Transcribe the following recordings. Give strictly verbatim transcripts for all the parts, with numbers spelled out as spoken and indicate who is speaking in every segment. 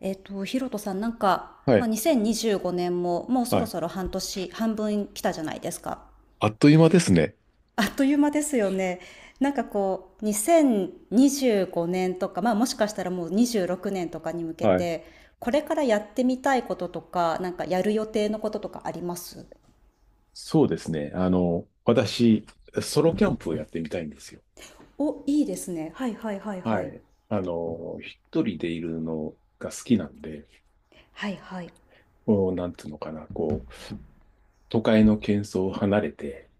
Speaker 1: えっと、ヒロトさん、なんか、
Speaker 2: は
Speaker 1: まあ、
Speaker 2: い。
Speaker 1: にせんにじゅうごねんももうそ
Speaker 2: は
Speaker 1: ろ
Speaker 2: い。
Speaker 1: そろ半年、半分来たじゃないですか。
Speaker 2: あっという間ですね。
Speaker 1: あっという間ですよね。なんかこう、にせんにじゅうごねんとか、まあ、もしかしたらもうにじゅうろくねんとかに向け
Speaker 2: はい。
Speaker 1: て、これからやってみたいこととか、なんかやる予定のこととかあります？
Speaker 2: そうですね。あの、私、ソロキャンプをやってみたいんですよ。
Speaker 1: お、いいですね。はいはいはい
Speaker 2: は
Speaker 1: はい。
Speaker 2: い。あの、一人でいるのが好きなんで、
Speaker 1: はいはい。
Speaker 2: こう、なんつうのかな、こう、都会の喧騒を離れて、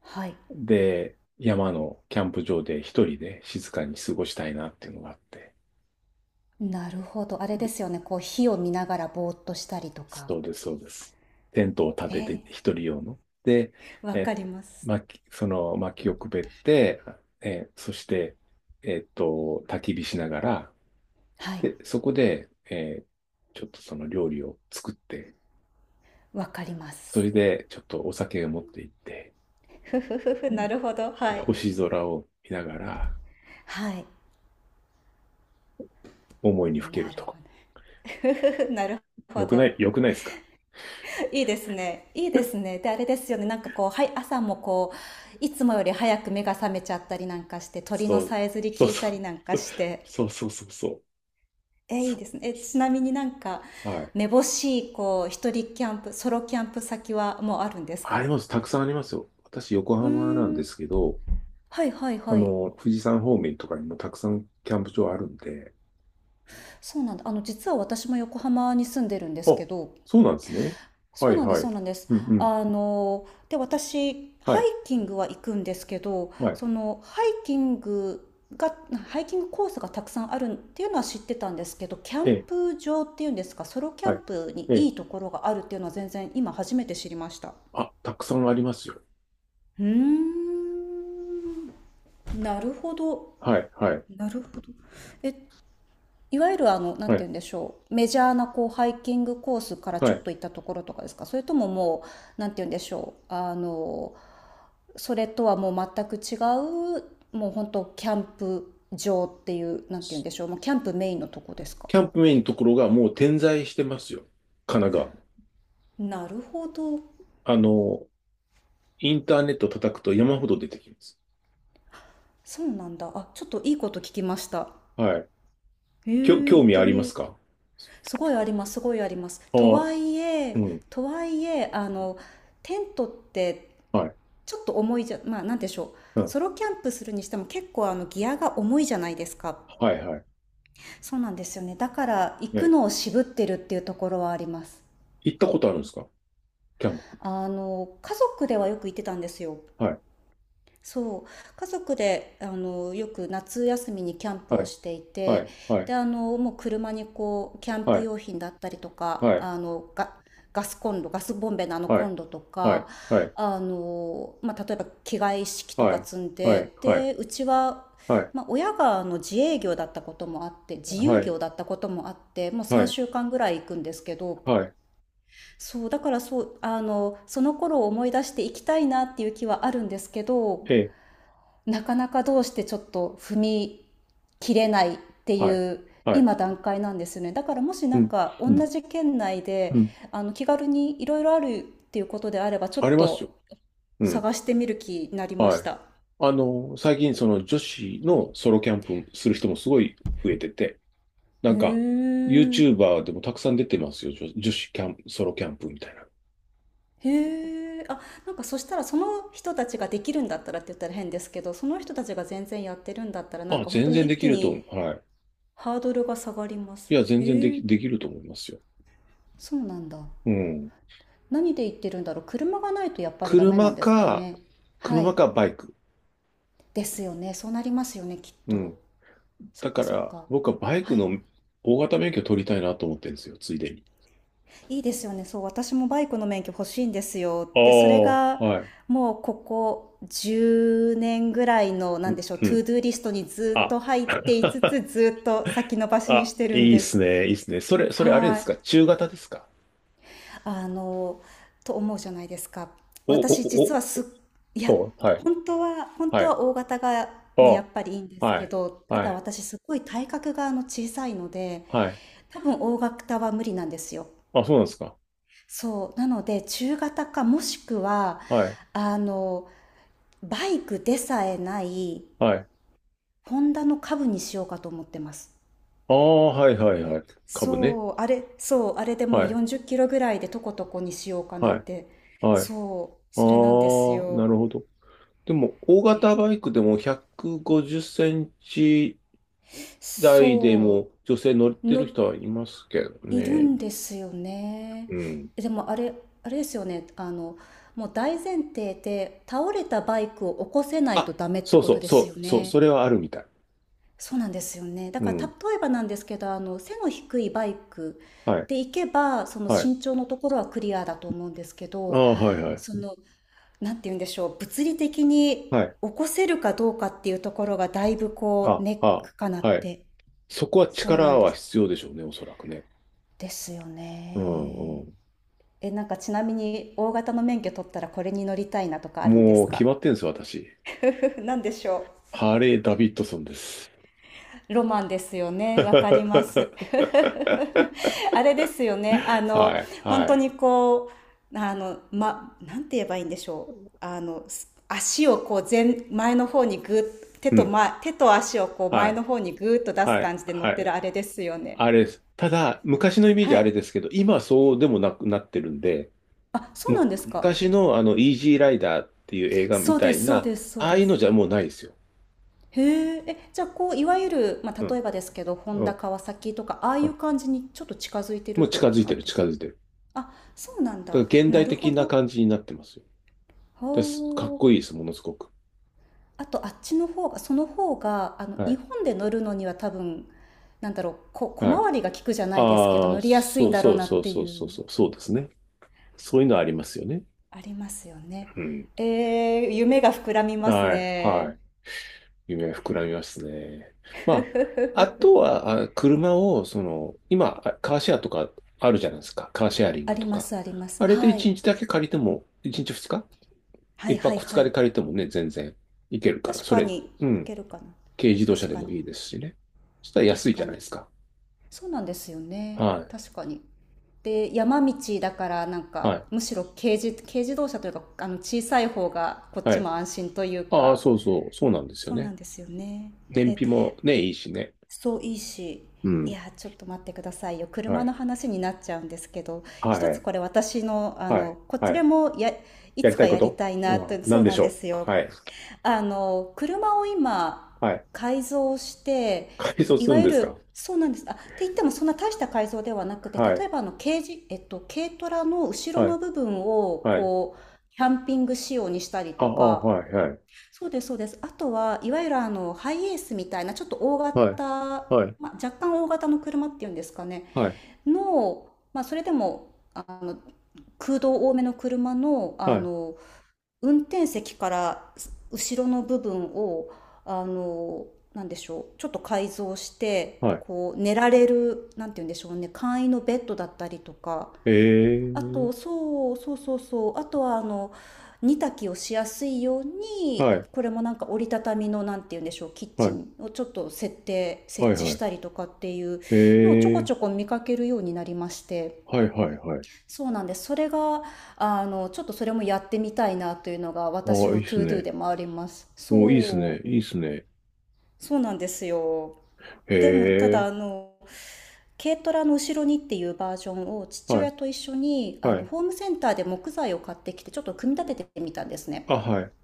Speaker 1: はい。
Speaker 2: で、山のキャンプ場で一人で静かに過ごしたいなっていうのがあって。
Speaker 1: なるほど。あれですよね。こう、火を見ながらぼーっとしたりとか。
Speaker 2: そうです、そうです。テントを立
Speaker 1: え
Speaker 2: てて、一
Speaker 1: ー
Speaker 2: 人用の。で、
Speaker 1: わ
Speaker 2: え、
Speaker 1: かります。
Speaker 2: 薪、その薪をくべって、え、そして、えっと、焚き火しながら、
Speaker 1: はい。
Speaker 2: で、そこで、えーちょっとその料理を作って、
Speaker 1: わかります。
Speaker 2: それでちょっとお酒を持って行って、
Speaker 1: ふふふふ、
Speaker 2: う
Speaker 1: な
Speaker 2: ん
Speaker 1: るほど。
Speaker 2: で、
Speaker 1: はい。
Speaker 2: 星空を見ながら、
Speaker 1: はい、
Speaker 2: 思いにふけ
Speaker 1: な
Speaker 2: る
Speaker 1: る
Speaker 2: と。
Speaker 1: ほど。ふふふ なるほ
Speaker 2: よくない、
Speaker 1: ど。
Speaker 2: よくないですか？
Speaker 1: いいですね、いいです ね。であれですよね、なんかこう、はい、朝もこういつもより早く目が覚めちゃったりなんかして、鳥の
Speaker 2: そう、
Speaker 1: さえずり
Speaker 2: そう
Speaker 1: 聞いた
Speaker 2: そう。
Speaker 1: りなんか して。
Speaker 2: そうそうそうそう。
Speaker 1: えいい
Speaker 2: そう
Speaker 1: ですね。えちなみになんか、
Speaker 2: はい。
Speaker 1: めぼしいこう一人キャンプ、ソロキャンプ先はもうあるんです
Speaker 2: あり
Speaker 1: か？
Speaker 2: ます。たくさんありますよ。私、横
Speaker 1: うー
Speaker 2: 浜なんで
Speaker 1: ん、
Speaker 2: すけど、
Speaker 1: はいはい
Speaker 2: あ
Speaker 1: はい。
Speaker 2: の、富士山方面とかにもたくさんキャンプ場あるんで。
Speaker 1: そうなんだ。あの、実は私も横浜に住んでるんで
Speaker 2: あ、
Speaker 1: すけど。
Speaker 2: そうなんですね。は
Speaker 1: そう
Speaker 2: い
Speaker 1: なんで
Speaker 2: は
Speaker 1: す、そ
Speaker 2: い。
Speaker 1: うなんです。
Speaker 2: うんうん。
Speaker 1: あの、で、私、
Speaker 2: は
Speaker 1: ハ
Speaker 2: い。
Speaker 1: イキングは行くんですけど、
Speaker 2: はい。
Speaker 1: その、ハイキングが、ハイキングコースがたくさんあるっていうのは知ってたんですけど、キャン
Speaker 2: ええ。
Speaker 1: プ場っていうんですか、ソロキャ
Speaker 2: は
Speaker 1: ン
Speaker 2: い。
Speaker 1: プに
Speaker 2: え
Speaker 1: い
Speaker 2: え。
Speaker 1: いところがあるっていうのは全然今初めて知りました。
Speaker 2: あ、たくさんありますよ。
Speaker 1: うーん、なるほど。
Speaker 2: はい。はい。
Speaker 1: なるほど。え、いわゆるあの、なん
Speaker 2: は
Speaker 1: て言う
Speaker 2: い。
Speaker 1: んでしょう。メジャーなこうハイキングコースから
Speaker 2: は
Speaker 1: ちょっ
Speaker 2: い。
Speaker 1: と行ったところとかですか？それとももう、なんて言うんでしょう。あの、それとはもう全く違う、もう本当キャンプ場っていう、なんて言うんでしょう、もうキャンプメインのとこですか？
Speaker 2: キャンプメインのところがもう点在してますよ。神奈川も。
Speaker 1: なるほど。
Speaker 2: あの、インターネット叩くと山ほど出てきます。
Speaker 1: そうなんだ。あ、ちょっといいこと聞きました。
Speaker 2: はい。
Speaker 1: へ
Speaker 2: きょ、
Speaker 1: え、
Speaker 2: 興
Speaker 1: 行っ
Speaker 2: 味
Speaker 1: て
Speaker 2: あり
Speaker 1: み
Speaker 2: ま
Speaker 1: よ
Speaker 2: す
Speaker 1: う。
Speaker 2: か？
Speaker 1: すごいあります、すごいあります。
Speaker 2: あ
Speaker 1: と
Speaker 2: あ、
Speaker 1: はいえ、
Speaker 2: うん。
Speaker 1: とはいえあの、テントって
Speaker 2: はい。
Speaker 1: ちょっと重いじゃ、まあなんでしょう、
Speaker 2: うん。
Speaker 1: ソロキャンプするにしても結構あのギアが重いじゃないですか。
Speaker 2: はいはい。
Speaker 1: そうなんですよね、だから行く
Speaker 2: ね。
Speaker 1: のを渋ってるっていうところはあります。
Speaker 2: 行ったことあるんですか？キャンプ。
Speaker 1: あの、家族ではよく行ってたんですよ。
Speaker 2: はい。
Speaker 1: そう。家族で、あの、よく夏休みにキャンプ
Speaker 2: は
Speaker 1: を
Speaker 2: い。
Speaker 1: してい
Speaker 2: は
Speaker 1: て、
Speaker 2: い。はい。
Speaker 1: で、あの、もう車にこう、キャン
Speaker 2: は
Speaker 1: プ
Speaker 2: い。
Speaker 1: 用品だったりと
Speaker 2: は
Speaker 1: か、
Speaker 2: い。
Speaker 1: あの、ガ、ガスコンロ、ガスボンベのあの
Speaker 2: は
Speaker 1: コ
Speaker 2: い。
Speaker 1: ンロと
Speaker 2: は
Speaker 1: か、
Speaker 2: い。はい。
Speaker 1: あの、まあ、例えば着替え一式とか積ん
Speaker 2: はい。
Speaker 1: で、
Speaker 2: はい。
Speaker 1: で、うちは、
Speaker 2: はい。
Speaker 1: まあ、親があの自営業だったこともあって、自
Speaker 2: は
Speaker 1: 由
Speaker 2: い。
Speaker 1: 業だったこともあって、もう
Speaker 2: はい。はい。
Speaker 1: さんしゅうかんぐらい行くんですけど、
Speaker 2: はい。
Speaker 1: そう、だからそう、あの、その頃を思い出していきたいなっていう気はあるんですけど、
Speaker 2: ええ。
Speaker 1: なかなかどうしてちょっと踏み切れないってい
Speaker 2: はい。
Speaker 1: う
Speaker 2: はい。
Speaker 1: 今段階なんですよね。だからもし
Speaker 2: う
Speaker 1: なん
Speaker 2: ん。
Speaker 1: か同
Speaker 2: うん。
Speaker 1: じ県内で、
Speaker 2: うん。
Speaker 1: あの、気軽にいろいろあるっていうことであれば、ちょっ
Speaker 2: ありますよ。
Speaker 1: と
Speaker 2: うん。
Speaker 1: 探してみる気になりまし
Speaker 2: はい。
Speaker 1: た。
Speaker 2: あの、最近その女子のソロキャンプする人もすごい増えてて、なん
Speaker 1: へ
Speaker 2: か、
Speaker 1: え。
Speaker 2: YouTuber でもたくさん出てますよ。女、女子キャンプ、ソロキャンプみたい
Speaker 1: へえ、あ、なんかそしたらその人たちができるんだったらって言ったら変ですけど、その人たちが全然やってるんだったらな
Speaker 2: な。
Speaker 1: ん
Speaker 2: あ、
Speaker 1: か本当
Speaker 2: 全
Speaker 1: に
Speaker 2: 然で
Speaker 1: 一
Speaker 2: き
Speaker 1: 気
Speaker 2: ると思
Speaker 1: に
Speaker 2: う。はい。
Speaker 1: ハードルが下がりま
Speaker 2: い
Speaker 1: す。
Speaker 2: や、全然で
Speaker 1: へ
Speaker 2: き、
Speaker 1: え、
Speaker 2: できると思いますよ。
Speaker 1: そうなんだ。
Speaker 2: うん。
Speaker 1: 何で言ってるんだろう。車がないとやっぱりダメなん
Speaker 2: 車
Speaker 1: ですか
Speaker 2: か、
Speaker 1: ね。はい。
Speaker 2: 車かバイク。
Speaker 1: ですよね。そうなりますよね、きっ
Speaker 2: うん。
Speaker 1: と。そ
Speaker 2: だ
Speaker 1: っか
Speaker 2: か
Speaker 1: そっ
Speaker 2: ら、
Speaker 1: か。
Speaker 2: 僕はバイク
Speaker 1: はい。
Speaker 2: の大型免許取りたいなと思ってるんですよ、ついでに。
Speaker 1: いいですよね。そう、私もバイクの免許欲しいんですよ。
Speaker 2: ああ、
Speaker 1: で、それが
Speaker 2: はい。
Speaker 1: もうここじゅうねんぐらいの、な
Speaker 2: う
Speaker 1: んで
Speaker 2: ん、
Speaker 1: しょう、
Speaker 2: う
Speaker 1: トゥ
Speaker 2: ん。
Speaker 1: ードゥーリストにずっ
Speaker 2: あ、
Speaker 1: と入っていつ つ、ずっと先延ばしに
Speaker 2: あ、
Speaker 1: して
Speaker 2: い
Speaker 1: るん
Speaker 2: いっ
Speaker 1: で
Speaker 2: す
Speaker 1: す。
Speaker 2: ね、いいっすね。それ、それあれで
Speaker 1: は
Speaker 2: すか？
Speaker 1: い。
Speaker 2: 中型ですか？
Speaker 1: あのと思うじゃないですか。
Speaker 2: お、
Speaker 1: 私
Speaker 2: お、
Speaker 1: 実は
Speaker 2: お、
Speaker 1: すっ、いや、
Speaker 2: お、はい、
Speaker 1: 本当は本
Speaker 2: は
Speaker 1: 当は
Speaker 2: い。
Speaker 1: 大型が
Speaker 2: あ、
Speaker 1: ね、やっぱりいいんです
Speaker 2: は
Speaker 1: け
Speaker 2: い、
Speaker 1: ど、た
Speaker 2: は
Speaker 1: だ
Speaker 2: い、
Speaker 1: 私すごい体格があの小さいので、
Speaker 2: はい。
Speaker 1: 多分大型は無理なんですよ。
Speaker 2: あ、そうなんですか？
Speaker 1: そうなので中型か、もしくは
Speaker 2: はい、
Speaker 1: あの、バイクでさえない、
Speaker 2: はい。
Speaker 1: ホンダの株にしようかと思ってます。
Speaker 2: ああ、はい、はい、はい。株ね。
Speaker 1: そう、あれ、そう、あれでも
Speaker 2: は
Speaker 1: う
Speaker 2: い、
Speaker 1: よんじゅっキロぐらいでとことこにしようかなっ
Speaker 2: はい、
Speaker 1: て。
Speaker 2: はい。あ
Speaker 1: そう、それなんです
Speaker 2: あ、な
Speaker 1: よ。
Speaker 2: るほど。でも、大型バイクでもひゃくごじゅっセンチ台で
Speaker 1: そ
Speaker 2: も女性乗っ
Speaker 1: う、
Speaker 2: てる
Speaker 1: の、
Speaker 2: 人はいますけど
Speaker 1: いる
Speaker 2: ね。
Speaker 1: んですよね。
Speaker 2: うん。
Speaker 1: でもあれ、あれですよね。あの、もう大前提で倒れたバイクを起こせないと
Speaker 2: あ、
Speaker 1: ダメって
Speaker 2: そう
Speaker 1: こ
Speaker 2: そ
Speaker 1: と
Speaker 2: う、
Speaker 1: で
Speaker 2: そ
Speaker 1: すよ
Speaker 2: う、そう、
Speaker 1: ね。
Speaker 2: それはあるみたい。
Speaker 1: そうなんですよね。だ
Speaker 2: う
Speaker 1: から例
Speaker 2: ん。
Speaker 1: えばなんですけど、あの、背の低いバイク
Speaker 2: はい、
Speaker 1: で行けば、その
Speaker 2: はい。
Speaker 1: 身長のところはクリアだと思うんですけ
Speaker 2: あ
Speaker 1: ど、
Speaker 2: あ、はい、はい。
Speaker 1: その、なんて言うんでしょう、物理的
Speaker 2: は
Speaker 1: に
Speaker 2: い。
Speaker 1: 起こせるかどうかっていうところがだいぶこう
Speaker 2: あ、
Speaker 1: ネッ
Speaker 2: あ、
Speaker 1: クかなっ
Speaker 2: はい。
Speaker 1: て。
Speaker 2: そこは
Speaker 1: そうな
Speaker 2: 力
Speaker 1: んで
Speaker 2: は
Speaker 1: す。
Speaker 2: 必要でしょうね、おそらくね。
Speaker 1: ですよ
Speaker 2: うん、う
Speaker 1: ね。
Speaker 2: ん。
Speaker 1: え、なんかちなみに大型の免許取ったらこれに乗りたいなとかあるんで
Speaker 2: も
Speaker 1: す
Speaker 2: う決
Speaker 1: か？
Speaker 2: まってんですよ、私。
Speaker 1: 何でしょ
Speaker 2: ハーレー・ダビッドソンです。
Speaker 1: う？ロマンですよ ね。わかります。
Speaker 2: は
Speaker 1: あれですよね。あの、
Speaker 2: い、
Speaker 1: 本
Speaker 2: は
Speaker 1: 当
Speaker 2: い。
Speaker 1: にこう、あの、ま、なんて言えばいいんでしょう。あの、す足をこう前、前の方にぐー、手
Speaker 2: う
Speaker 1: と、
Speaker 2: ん。
Speaker 1: ま、手と足をこう
Speaker 2: は
Speaker 1: 前の
Speaker 2: い、
Speaker 1: 方にぐーっと出す
Speaker 2: はい、
Speaker 1: 感じで乗っ
Speaker 2: は
Speaker 1: てる
Speaker 2: い。
Speaker 1: あれですよね。
Speaker 2: あれです。ただ、昔のイメージ
Speaker 1: は
Speaker 2: あれ
Speaker 1: い。
Speaker 2: ですけど、今はそうでもなくなってるんで、
Speaker 1: あ、そう
Speaker 2: む、
Speaker 1: なんですか。
Speaker 2: 昔のあの、イージーライダーっていう映画
Speaker 1: そ
Speaker 2: み
Speaker 1: う
Speaker 2: た
Speaker 1: で
Speaker 2: い
Speaker 1: す、そう
Speaker 2: な、
Speaker 1: です、そう
Speaker 2: ああ
Speaker 1: で
Speaker 2: いうの
Speaker 1: す。
Speaker 2: じゃもうないですよ。
Speaker 1: へえ、え、じゃあこういわゆる、ま
Speaker 2: う
Speaker 1: あ、例
Speaker 2: ん、
Speaker 1: えばですけど、ホン
Speaker 2: う
Speaker 1: ダ、
Speaker 2: ん、
Speaker 1: 川崎とかああ
Speaker 2: う
Speaker 1: いう
Speaker 2: ん。
Speaker 1: 感じにちょっと近づいてるっ
Speaker 2: もう
Speaker 1: て
Speaker 2: 近
Speaker 1: こと
Speaker 2: づい
Speaker 1: な
Speaker 2: て
Speaker 1: ん
Speaker 2: る、
Speaker 1: で
Speaker 2: 近
Speaker 1: すか？
Speaker 2: づいてる。
Speaker 1: あ、そうなんだ。
Speaker 2: だから現
Speaker 1: な
Speaker 2: 代
Speaker 1: る
Speaker 2: 的
Speaker 1: ほ
Speaker 2: な
Speaker 1: ど。
Speaker 2: 感じになってますよ。だす。かっ
Speaker 1: ほう。
Speaker 2: こいいです、ものすごく。
Speaker 1: あとあっちの方が、その方があの
Speaker 2: は
Speaker 1: 日
Speaker 2: い、
Speaker 1: 本で乗るのには多分、なんだろう、こ、小
Speaker 2: はい。
Speaker 1: 回りが利くじゃないですけど、
Speaker 2: ああ、
Speaker 1: 乗りやすい
Speaker 2: そ
Speaker 1: ん
Speaker 2: う
Speaker 1: だろう
Speaker 2: そう
Speaker 1: なっ
Speaker 2: そう
Speaker 1: て
Speaker 2: そう
Speaker 1: い
Speaker 2: そう
Speaker 1: う。
Speaker 2: そう、そうですね。そういうのありますよね。
Speaker 1: ありますよね。
Speaker 2: うん。
Speaker 1: えー夢が膨らみます
Speaker 2: はい、は
Speaker 1: ね。
Speaker 2: い。夢は膨らみますね。
Speaker 1: ふふふ
Speaker 2: まあ、あ
Speaker 1: ふ、
Speaker 2: とは、あ車を、その、今、あカーシェアとかあるじゃないですか。カーシェアリン
Speaker 1: あ
Speaker 2: グ
Speaker 1: り
Speaker 2: と
Speaker 1: ま
Speaker 2: か。
Speaker 1: すあります。
Speaker 2: あれで
Speaker 1: はい。
Speaker 2: いちにちだけ借りても、いちにちににち
Speaker 1: はい
Speaker 2: ?いっ
Speaker 1: はい
Speaker 2: 泊2
Speaker 1: は
Speaker 2: 日で
Speaker 1: い。
Speaker 2: 借りてもね、全然いけるから。
Speaker 1: 確
Speaker 2: そ
Speaker 1: か
Speaker 2: れ、
Speaker 1: に
Speaker 2: う
Speaker 1: い
Speaker 2: ん。
Speaker 1: けるかな。
Speaker 2: 軽自動車
Speaker 1: 確
Speaker 2: で
Speaker 1: か
Speaker 2: も
Speaker 1: に。
Speaker 2: いいですしね。そしたら安
Speaker 1: 確
Speaker 2: いじ
Speaker 1: か
Speaker 2: ゃないです
Speaker 1: に、
Speaker 2: か。
Speaker 1: そうなんですよね、
Speaker 2: はい。
Speaker 1: 確かに。で山道だからなん
Speaker 2: は
Speaker 1: か
Speaker 2: い。
Speaker 1: むしろ軽自軽自動車というかあの小さい方がこっ
Speaker 2: は
Speaker 1: ち
Speaker 2: い。
Speaker 1: も安心という
Speaker 2: ああ、
Speaker 1: か。
Speaker 2: そうそう。そうなんですよ
Speaker 1: そうな
Speaker 2: ね。
Speaker 1: んですよね。
Speaker 2: 燃
Speaker 1: え
Speaker 2: 費もね、いいしね。
Speaker 1: そう、いいし。
Speaker 2: う
Speaker 1: い
Speaker 2: ん。
Speaker 1: やちょっと待ってくださいよ、
Speaker 2: は
Speaker 1: 車
Speaker 2: い。
Speaker 1: の話になっちゃうんですけど、
Speaker 2: は
Speaker 1: 一つ
Speaker 2: い。
Speaker 1: これ私のあ
Speaker 2: はい。
Speaker 1: のこっ
Speaker 2: は
Speaker 1: ちで
Speaker 2: い。
Speaker 1: もや、い
Speaker 2: やり
Speaker 1: つ
Speaker 2: た
Speaker 1: か
Speaker 2: いこ
Speaker 1: やり
Speaker 2: と
Speaker 1: たいな
Speaker 2: は
Speaker 1: と。そ
Speaker 2: 何
Speaker 1: う
Speaker 2: で
Speaker 1: な
Speaker 2: し
Speaker 1: ん
Speaker 2: ょ
Speaker 1: で
Speaker 2: う？
Speaker 1: すよ、
Speaker 2: はい。
Speaker 1: あの、車を今、
Speaker 2: はい。
Speaker 1: 改造して、
Speaker 2: 改装
Speaker 1: い
Speaker 2: する
Speaker 1: わ
Speaker 2: ん
Speaker 1: ゆ
Speaker 2: ですか？
Speaker 1: る、そうなんです。あ、って言ってもそんな大した改造ではなくて、
Speaker 2: は
Speaker 1: 例え
Speaker 2: い、
Speaker 1: ばあの、軽自、えっと、軽トラの後ろ
Speaker 2: は
Speaker 1: の
Speaker 2: い、
Speaker 1: 部分を、
Speaker 2: はい。
Speaker 1: こう、キャンピング仕様にしたり
Speaker 2: あ、
Speaker 1: と
Speaker 2: あ、
Speaker 1: か、
Speaker 2: はい、はい、
Speaker 1: そうです、そうです。あとは、いわゆるあの、ハイエースみたいな、ちょっと大
Speaker 2: はい、
Speaker 1: 型、
Speaker 2: はい、
Speaker 1: まあ、若干大型の車っていうんですかね、
Speaker 2: はい、
Speaker 1: の、まあ、それでも、あの、空洞多めの車の、
Speaker 2: は
Speaker 1: あ
Speaker 2: い、
Speaker 1: の、運転席から後ろの部分を、あの、なんでしょう、ちょっと改造して、
Speaker 2: は
Speaker 1: こう、寝られる、なんて言うんでしょうね、簡易のベッドだったりとか、
Speaker 2: い。え
Speaker 1: あ
Speaker 2: ー、
Speaker 1: と、そうそうそうそう、あとは、あの、煮炊きをしやすいよう
Speaker 2: は
Speaker 1: に、
Speaker 2: い、
Speaker 1: これもなんか折りたたみの、なんて言うんでしょう、キッ
Speaker 2: は
Speaker 1: チ
Speaker 2: い、
Speaker 1: ンをちょっと設定、
Speaker 2: は
Speaker 1: 設
Speaker 2: い、
Speaker 1: 置
Speaker 2: は
Speaker 1: し
Speaker 2: い。
Speaker 1: たりとかっていう
Speaker 2: え
Speaker 1: のをちょこ
Speaker 2: ー、
Speaker 1: ちょこ見かけるようになりまして、
Speaker 2: はい、はい、はい。
Speaker 1: そうなんです。それが、あの、ちょっとそれもやってみたいなというのが
Speaker 2: あ
Speaker 1: 私
Speaker 2: あ、い
Speaker 1: の
Speaker 2: いっ
Speaker 1: ト
Speaker 2: す
Speaker 1: ゥードゥ
Speaker 2: ね。
Speaker 1: でもあります。
Speaker 2: お、いいっす
Speaker 1: そう、
Speaker 2: ね、いいっすね。
Speaker 1: そうなんですよ。でも、ただ、
Speaker 2: え
Speaker 1: あの、軽トラの後ろにっていうバージョンを
Speaker 2: ー、
Speaker 1: 父
Speaker 2: は
Speaker 1: 親
Speaker 2: い、
Speaker 1: と一緒に、あ
Speaker 2: は
Speaker 1: の、
Speaker 2: い。
Speaker 1: ホームセンターで木材を買ってきて、ちょっと組み立ててみたんですね。
Speaker 2: あ、はい、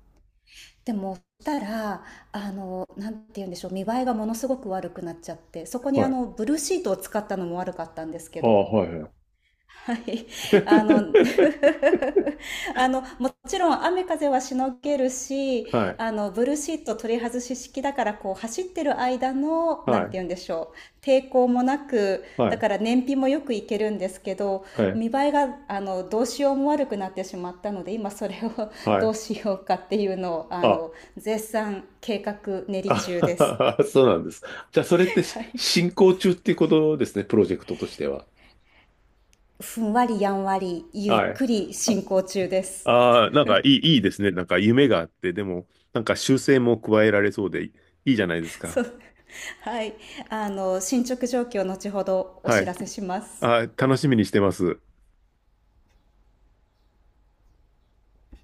Speaker 1: でも、したら、あの、なんて言うんでしょう、見栄えがものすごく悪くなっちゃって、そこに
Speaker 2: は
Speaker 1: あ
Speaker 2: い。
Speaker 1: の、ブルーシートを使ったのも悪かったんですけ
Speaker 2: あ
Speaker 1: ど、
Speaker 2: あ、はい、はい。
Speaker 1: はい。あの あの、もちろん雨風はしのげるし、
Speaker 2: はい、
Speaker 1: あの、ブルーシート取り外し式だから、こう、走ってる間の、
Speaker 2: は
Speaker 1: なんて
Speaker 2: い、
Speaker 1: 言うんでしょう、抵抗もなく、
Speaker 2: は
Speaker 1: だ
Speaker 2: い、
Speaker 1: から燃費もよくいけるんですけど、
Speaker 2: はい、
Speaker 1: 見栄えが、あの、どうしようも悪くなってしまったので、今それを
Speaker 2: は
Speaker 1: ど
Speaker 2: い。
Speaker 1: うしようかっていうのを、あ
Speaker 2: あ、
Speaker 1: の、絶賛計画練り中です。
Speaker 2: あ そうなんです。じゃあ、それってし
Speaker 1: はい。
Speaker 2: 進行中っていうことですね、プロジェクトとしては。
Speaker 1: ふんわりやんわり、ゆっ
Speaker 2: はい。
Speaker 1: くり進行中です。
Speaker 2: ああ、なんかいい、いいですね。なんか夢があって、でも、なんか修正も加えられそうでいいじゃないですか。
Speaker 1: そう。はい。あの、進捗状況、を後ほどお
Speaker 2: は
Speaker 1: 知
Speaker 2: い。
Speaker 1: らせします。
Speaker 2: ああ、楽しみにしてます。